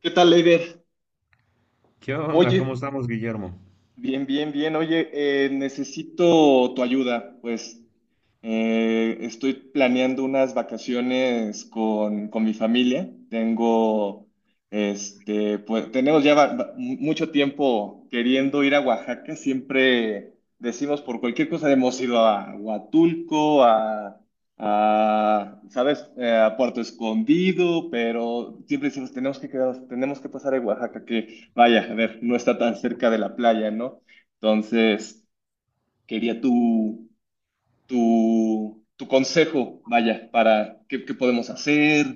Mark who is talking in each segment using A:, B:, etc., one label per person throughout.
A: ¿Qué tal, Leider?
B: ¿Qué onda? ¿Cómo
A: Oye,
B: estamos, Guillermo?
A: bien, bien, bien. Oye, necesito tu ayuda. Pues estoy planeando unas vacaciones con mi familia. Tengo, este, pues tenemos ya mucho tiempo queriendo ir a Oaxaca. Siempre decimos por cualquier cosa hemos ido a Huatulco, ¿sabes? A Puerto Escondido, pero siempre decimos tenemos que quedarnos, tenemos que pasar a Oaxaca. Vaya, a ver, no está tan cerca de la playa, ¿no? Entonces, quería tu consejo, vaya, para qué podemos hacer,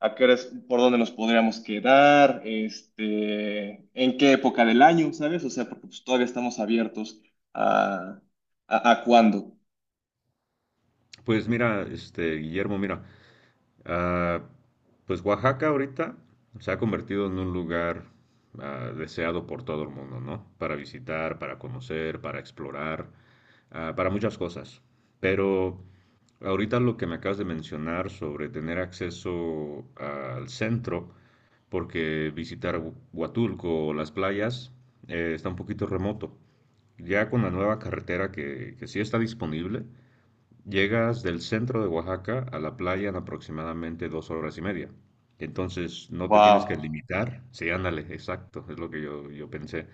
A: a qué horas, por dónde nos podríamos quedar, este, en qué época del año, ¿sabes? O sea, porque pues, todavía estamos abiertos a, a cuándo.
B: Pues mira, Guillermo, mira. Ah, pues Oaxaca ahorita se ha convertido en un lugar deseado por todo el mundo, ¿no? Para visitar, para conocer, para explorar, para muchas cosas. Pero ahorita lo que me acabas de mencionar sobre tener acceso al centro, porque visitar Huatulco o las playas está un poquito remoto. Ya con la nueva carretera que sí está disponible, llegas del centro de Oaxaca a la playa en aproximadamente 2 horas y media. Entonces, no te tienes que
A: Wow.
B: limitar. Sí, ándale, exacto, es lo que yo pensé.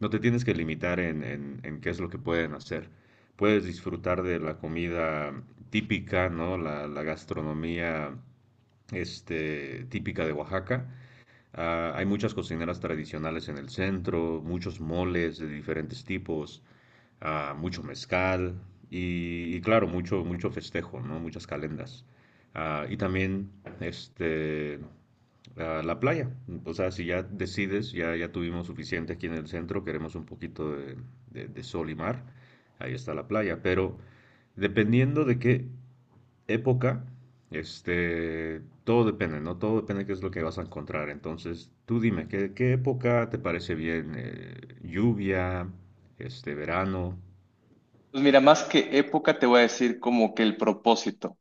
B: No te tienes que limitar en, qué es lo que pueden hacer. Puedes disfrutar de la comida típica, ¿no? La gastronomía típica de Oaxaca. Hay muchas cocineras tradicionales en el centro, muchos moles de diferentes tipos, mucho mezcal, y claro, mucho, mucho festejo, ¿no? Muchas calendas. Y también, este, a la playa. O sea, si ya decides, ya, ya tuvimos suficiente aquí en el centro, queremos un poquito de sol y mar, ahí está la playa. Pero dependiendo de qué época, todo depende, ¿no? Todo depende de qué es lo que vas a encontrar. Entonces, tú dime, ¿qué época te parece bien? ¿Lluvia, verano?
A: Pues mira, más que época, te voy a decir como que el propósito.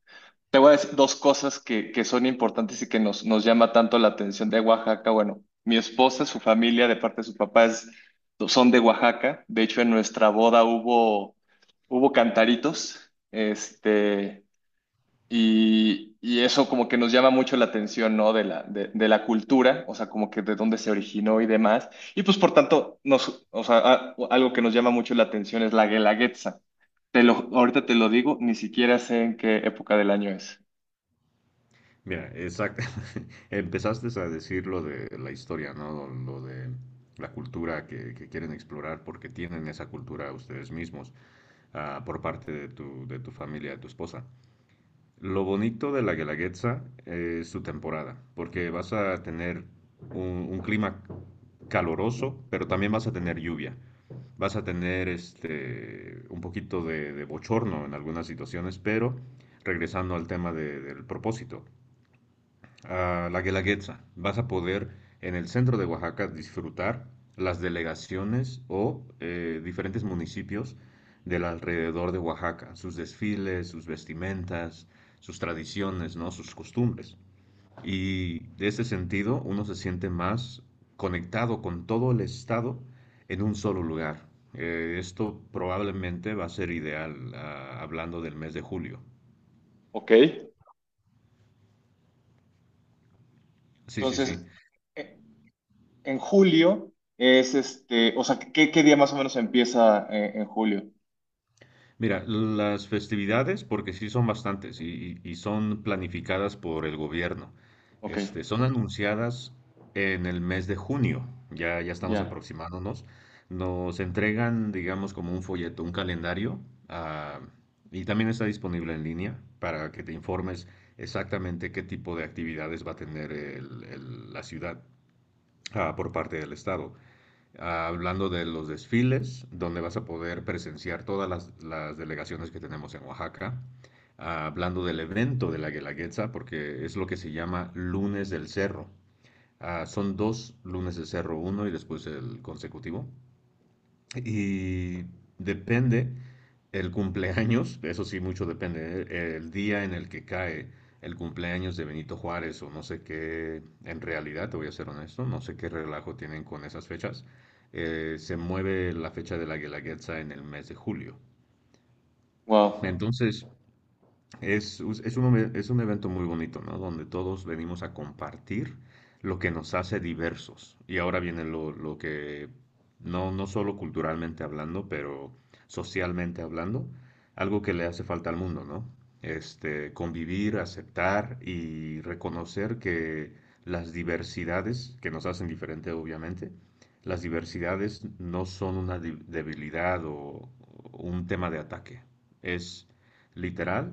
A: Te voy a decir dos cosas que son importantes y que nos, nos llama tanto la atención de Oaxaca. Bueno, mi esposa, su familia, de parte de sus papás, son de Oaxaca. De hecho, en nuestra boda hubo, hubo cantaritos, este, y eso como que nos llama mucho la atención, ¿no? De de la cultura, o sea, como que de dónde se originó y demás. Y pues, por tanto, nos, o sea, algo que nos llama mucho la atención es la guelaguetza. Te lo, ahorita te lo digo, ni siquiera sé en qué época del año es.
B: Mira, exacto. Empezaste a decir lo de la historia, ¿no? Lo de la cultura que quieren explorar porque tienen esa cultura ustedes mismos, por parte de tu familia, de tu esposa. Lo bonito de la Guelaguetza es su temporada, porque vas a tener un clima caloroso, pero también vas a tener lluvia. Vas a tener, un poquito de bochorno en algunas situaciones, pero regresando al tema del propósito, a la Guelaguetza. Vas a poder en el centro de Oaxaca disfrutar las delegaciones o, diferentes municipios del alrededor de Oaxaca, sus desfiles, sus vestimentas, sus tradiciones, ¿no? Sus costumbres. Y de ese sentido uno se siente más conectado con todo el estado en un solo lugar. Esto probablemente va a ser ideal, hablando del mes de julio.
A: Ok.
B: Sí, sí, sí.
A: Entonces, e- en julio es este, o sea, ¿qué día más o menos empieza en julio?
B: Mira, las festividades, porque sí son bastantes y son planificadas por el gobierno,
A: Ok,
B: son anunciadas en el mes de junio, ya, ya estamos
A: ya.
B: aproximándonos, nos entregan, digamos, como un folleto, un calendario, ah, y también está disponible en línea para que te informes exactamente qué tipo de actividades va a tener la ciudad, por parte del Estado, hablando de los desfiles, donde vas a poder presenciar todas las delegaciones que tenemos en Oaxaca. Hablando del evento de la Guelaguetza, porque es lo que se llama lunes del cerro. Son dos lunes del cerro, uno y después el consecutivo. Y depende el cumpleaños, eso sí, mucho depende, ¿eh? El día en el que cae el cumpleaños de Benito Juárez o no sé qué. En realidad, te voy a ser honesto, no sé qué relajo tienen con esas fechas. Se mueve la fecha de la Guelaguetza en el mes de julio.
A: Wow.
B: Entonces, es, us- es un, ome- es un evento muy bonito, ¿no? Donde todos venimos a compartir lo que nos hace diversos. Y ahora viene no, no solo culturalmente hablando, pero socialmente hablando, algo que le hace falta al mundo, ¿no? Convivir, aceptar y reconocer que las diversidades, que nos hacen diferente, obviamente, las diversidades no son una debilidad o un tema de ataque. Es literal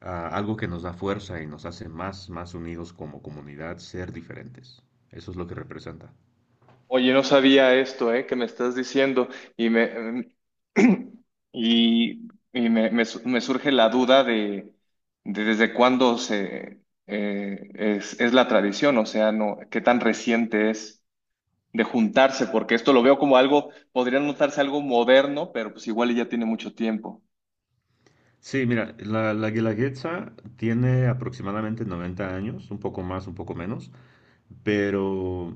B: a algo que nos da fuerza y nos hace más, más unidos como comunidad, ser diferentes. Eso es lo que representa.
A: Oye, no sabía esto, ¿eh? Que me estás diciendo y me me surge la duda de desde cuándo se es la tradición, o sea, no, qué tan reciente es de juntarse, porque esto lo veo como algo, podría notarse algo moderno, pero pues igual y ya tiene mucho tiempo.
B: Sí, mira, la Guelaguetza tiene aproximadamente 90 años, un poco más, un poco menos, pero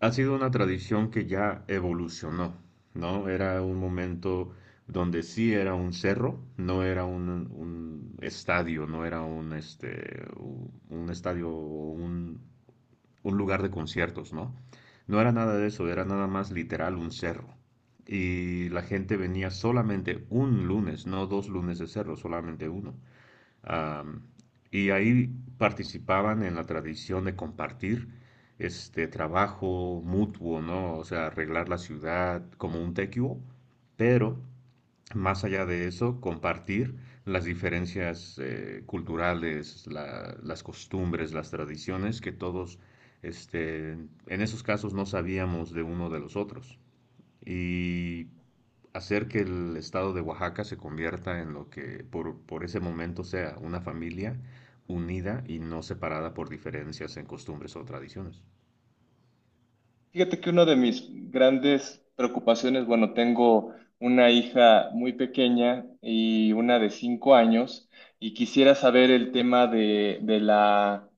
B: ha sido una tradición que ya evolucionó, ¿no? Era un momento donde sí era un cerro, no era un estadio, no era un estadio o un lugar de conciertos, ¿no? No era nada de eso, era nada más literal un cerro. Y la gente venía solamente un lunes, no dos lunes de cerro, solamente uno. Am, y ahí participaban en la tradición de compartir este trabajo mutuo, ¿no? O sea, arreglar la ciudad como un tequio, pero más allá de eso, compartir las diferencias, culturales, las costumbres, las tradiciones que todos, este, en esos casos, no sabíamos de uno de los otros. Y hacer que el estado de Oaxaca se convierta en lo que, por ese momento, sea una familia unida y no separada por diferencias en costumbres o tradiciones.
A: Fíjate que una de mis grandes preocupaciones, bueno, tengo una hija muy pequeña y una de 5 años, y quisiera saber el tema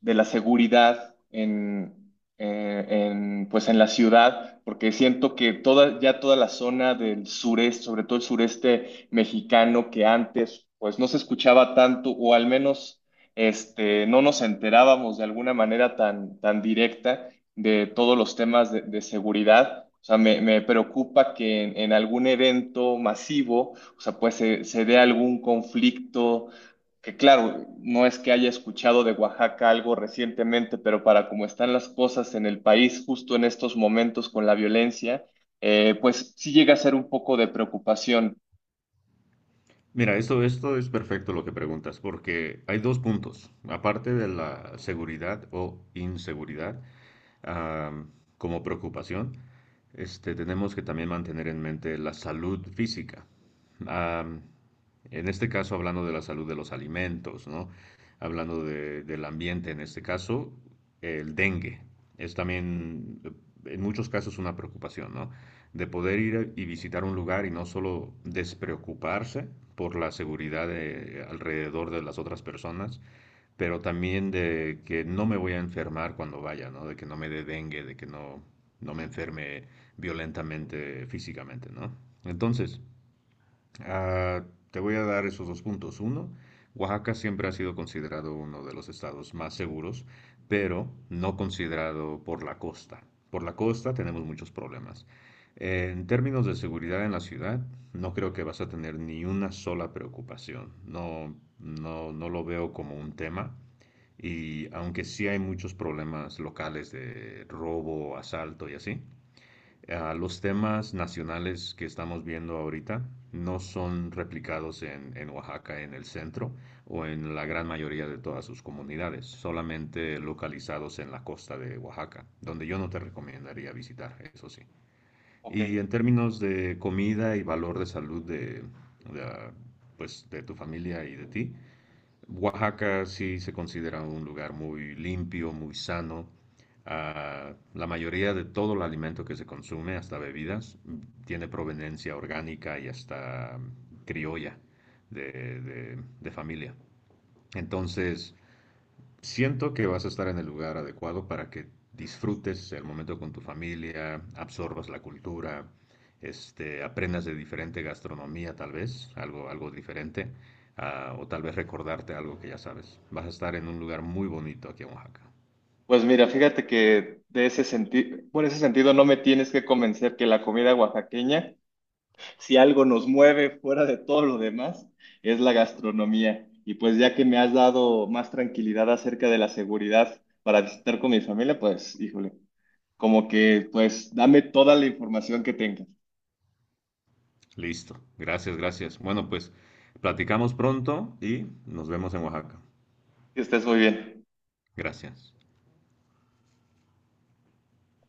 A: de la seguridad eh, en, pues en la ciudad, porque siento que toda, ya toda la zona del sureste, sobre todo el sureste mexicano, que antes pues no se escuchaba tanto, o al menos este, no nos enterábamos de alguna manera tan directa de todos los temas de seguridad. O sea, me preocupa que en algún evento masivo, o sea, pues se dé algún conflicto, que claro, no es que haya escuchado de Oaxaca algo recientemente, pero para cómo están las cosas en el país justo en estos momentos con la violencia, pues sí llega a ser un poco de preocupación.
B: Mira, esto es perfecto lo que preguntas, porque hay dos puntos. Aparte de la seguridad o inseguridad, ah, como preocupación, tenemos que también mantener en mente la salud física. Am, en este caso, hablando de la salud de los alimentos, ¿no? Hablando del ambiente, en este caso, el dengue es también, en muchos casos, una preocupación, ¿no? De poder ir y visitar un lugar y no solo despreocuparse por la seguridad alrededor de las otras personas, pero también de que no me voy a enfermar cuando vaya, ¿no? De que no me dé dengue, de que no, no me enferme violentamente físicamente, ¿no? Entonces, Ah, te voy a dar esos dos puntos. Uno, Oaxaca siempre ha sido considerado uno de los estados más seguros, pero no considerado por la costa. Por la costa tenemos muchos problemas. En términos de seguridad en la ciudad, no creo que vas a tener ni una sola preocupación. No, no, no lo veo como un tema. Y aunque sí hay muchos problemas locales de robo, asalto y así, los temas nacionales que estamos viendo ahorita no son replicados en Oaxaca, en el centro o en la gran mayoría de todas sus comunidades, solamente localizados en la costa de Oaxaca, donde yo no te recomendaría visitar, eso sí.
A: Ok,
B: Y en términos de comida y valor de salud de, pues, de tu familia y de ti, Oaxaca sí se considera un lugar muy limpio, muy sano. La mayoría de todo el alimento que se consume, hasta bebidas, tiene proveniencia orgánica y hasta, criolla de, de familia. Entonces, siento que vas a estar en el lugar adecuado para que disfrutes el momento con tu familia, absorbas la cultura, aprendas de diferente gastronomía, tal vez algo diferente, o tal vez recordarte algo que ya sabes. Vas a estar en un lugar muy bonito aquí en Oaxaca.
A: pues mira, fíjate que de ese sentido, por ese sentido no me tienes que convencer que la comida oaxaqueña si algo nos mueve fuera de todo lo demás, es la gastronomía. Y pues ya que me has dado más tranquilidad acerca de la seguridad para visitar con mi familia, pues híjole, como que pues dame toda la información que tengas.
B: Listo. Gracias, gracias. Bueno, pues platicamos pronto y nos vemos en Oaxaca.
A: Que estés muy bien.
B: Gracias.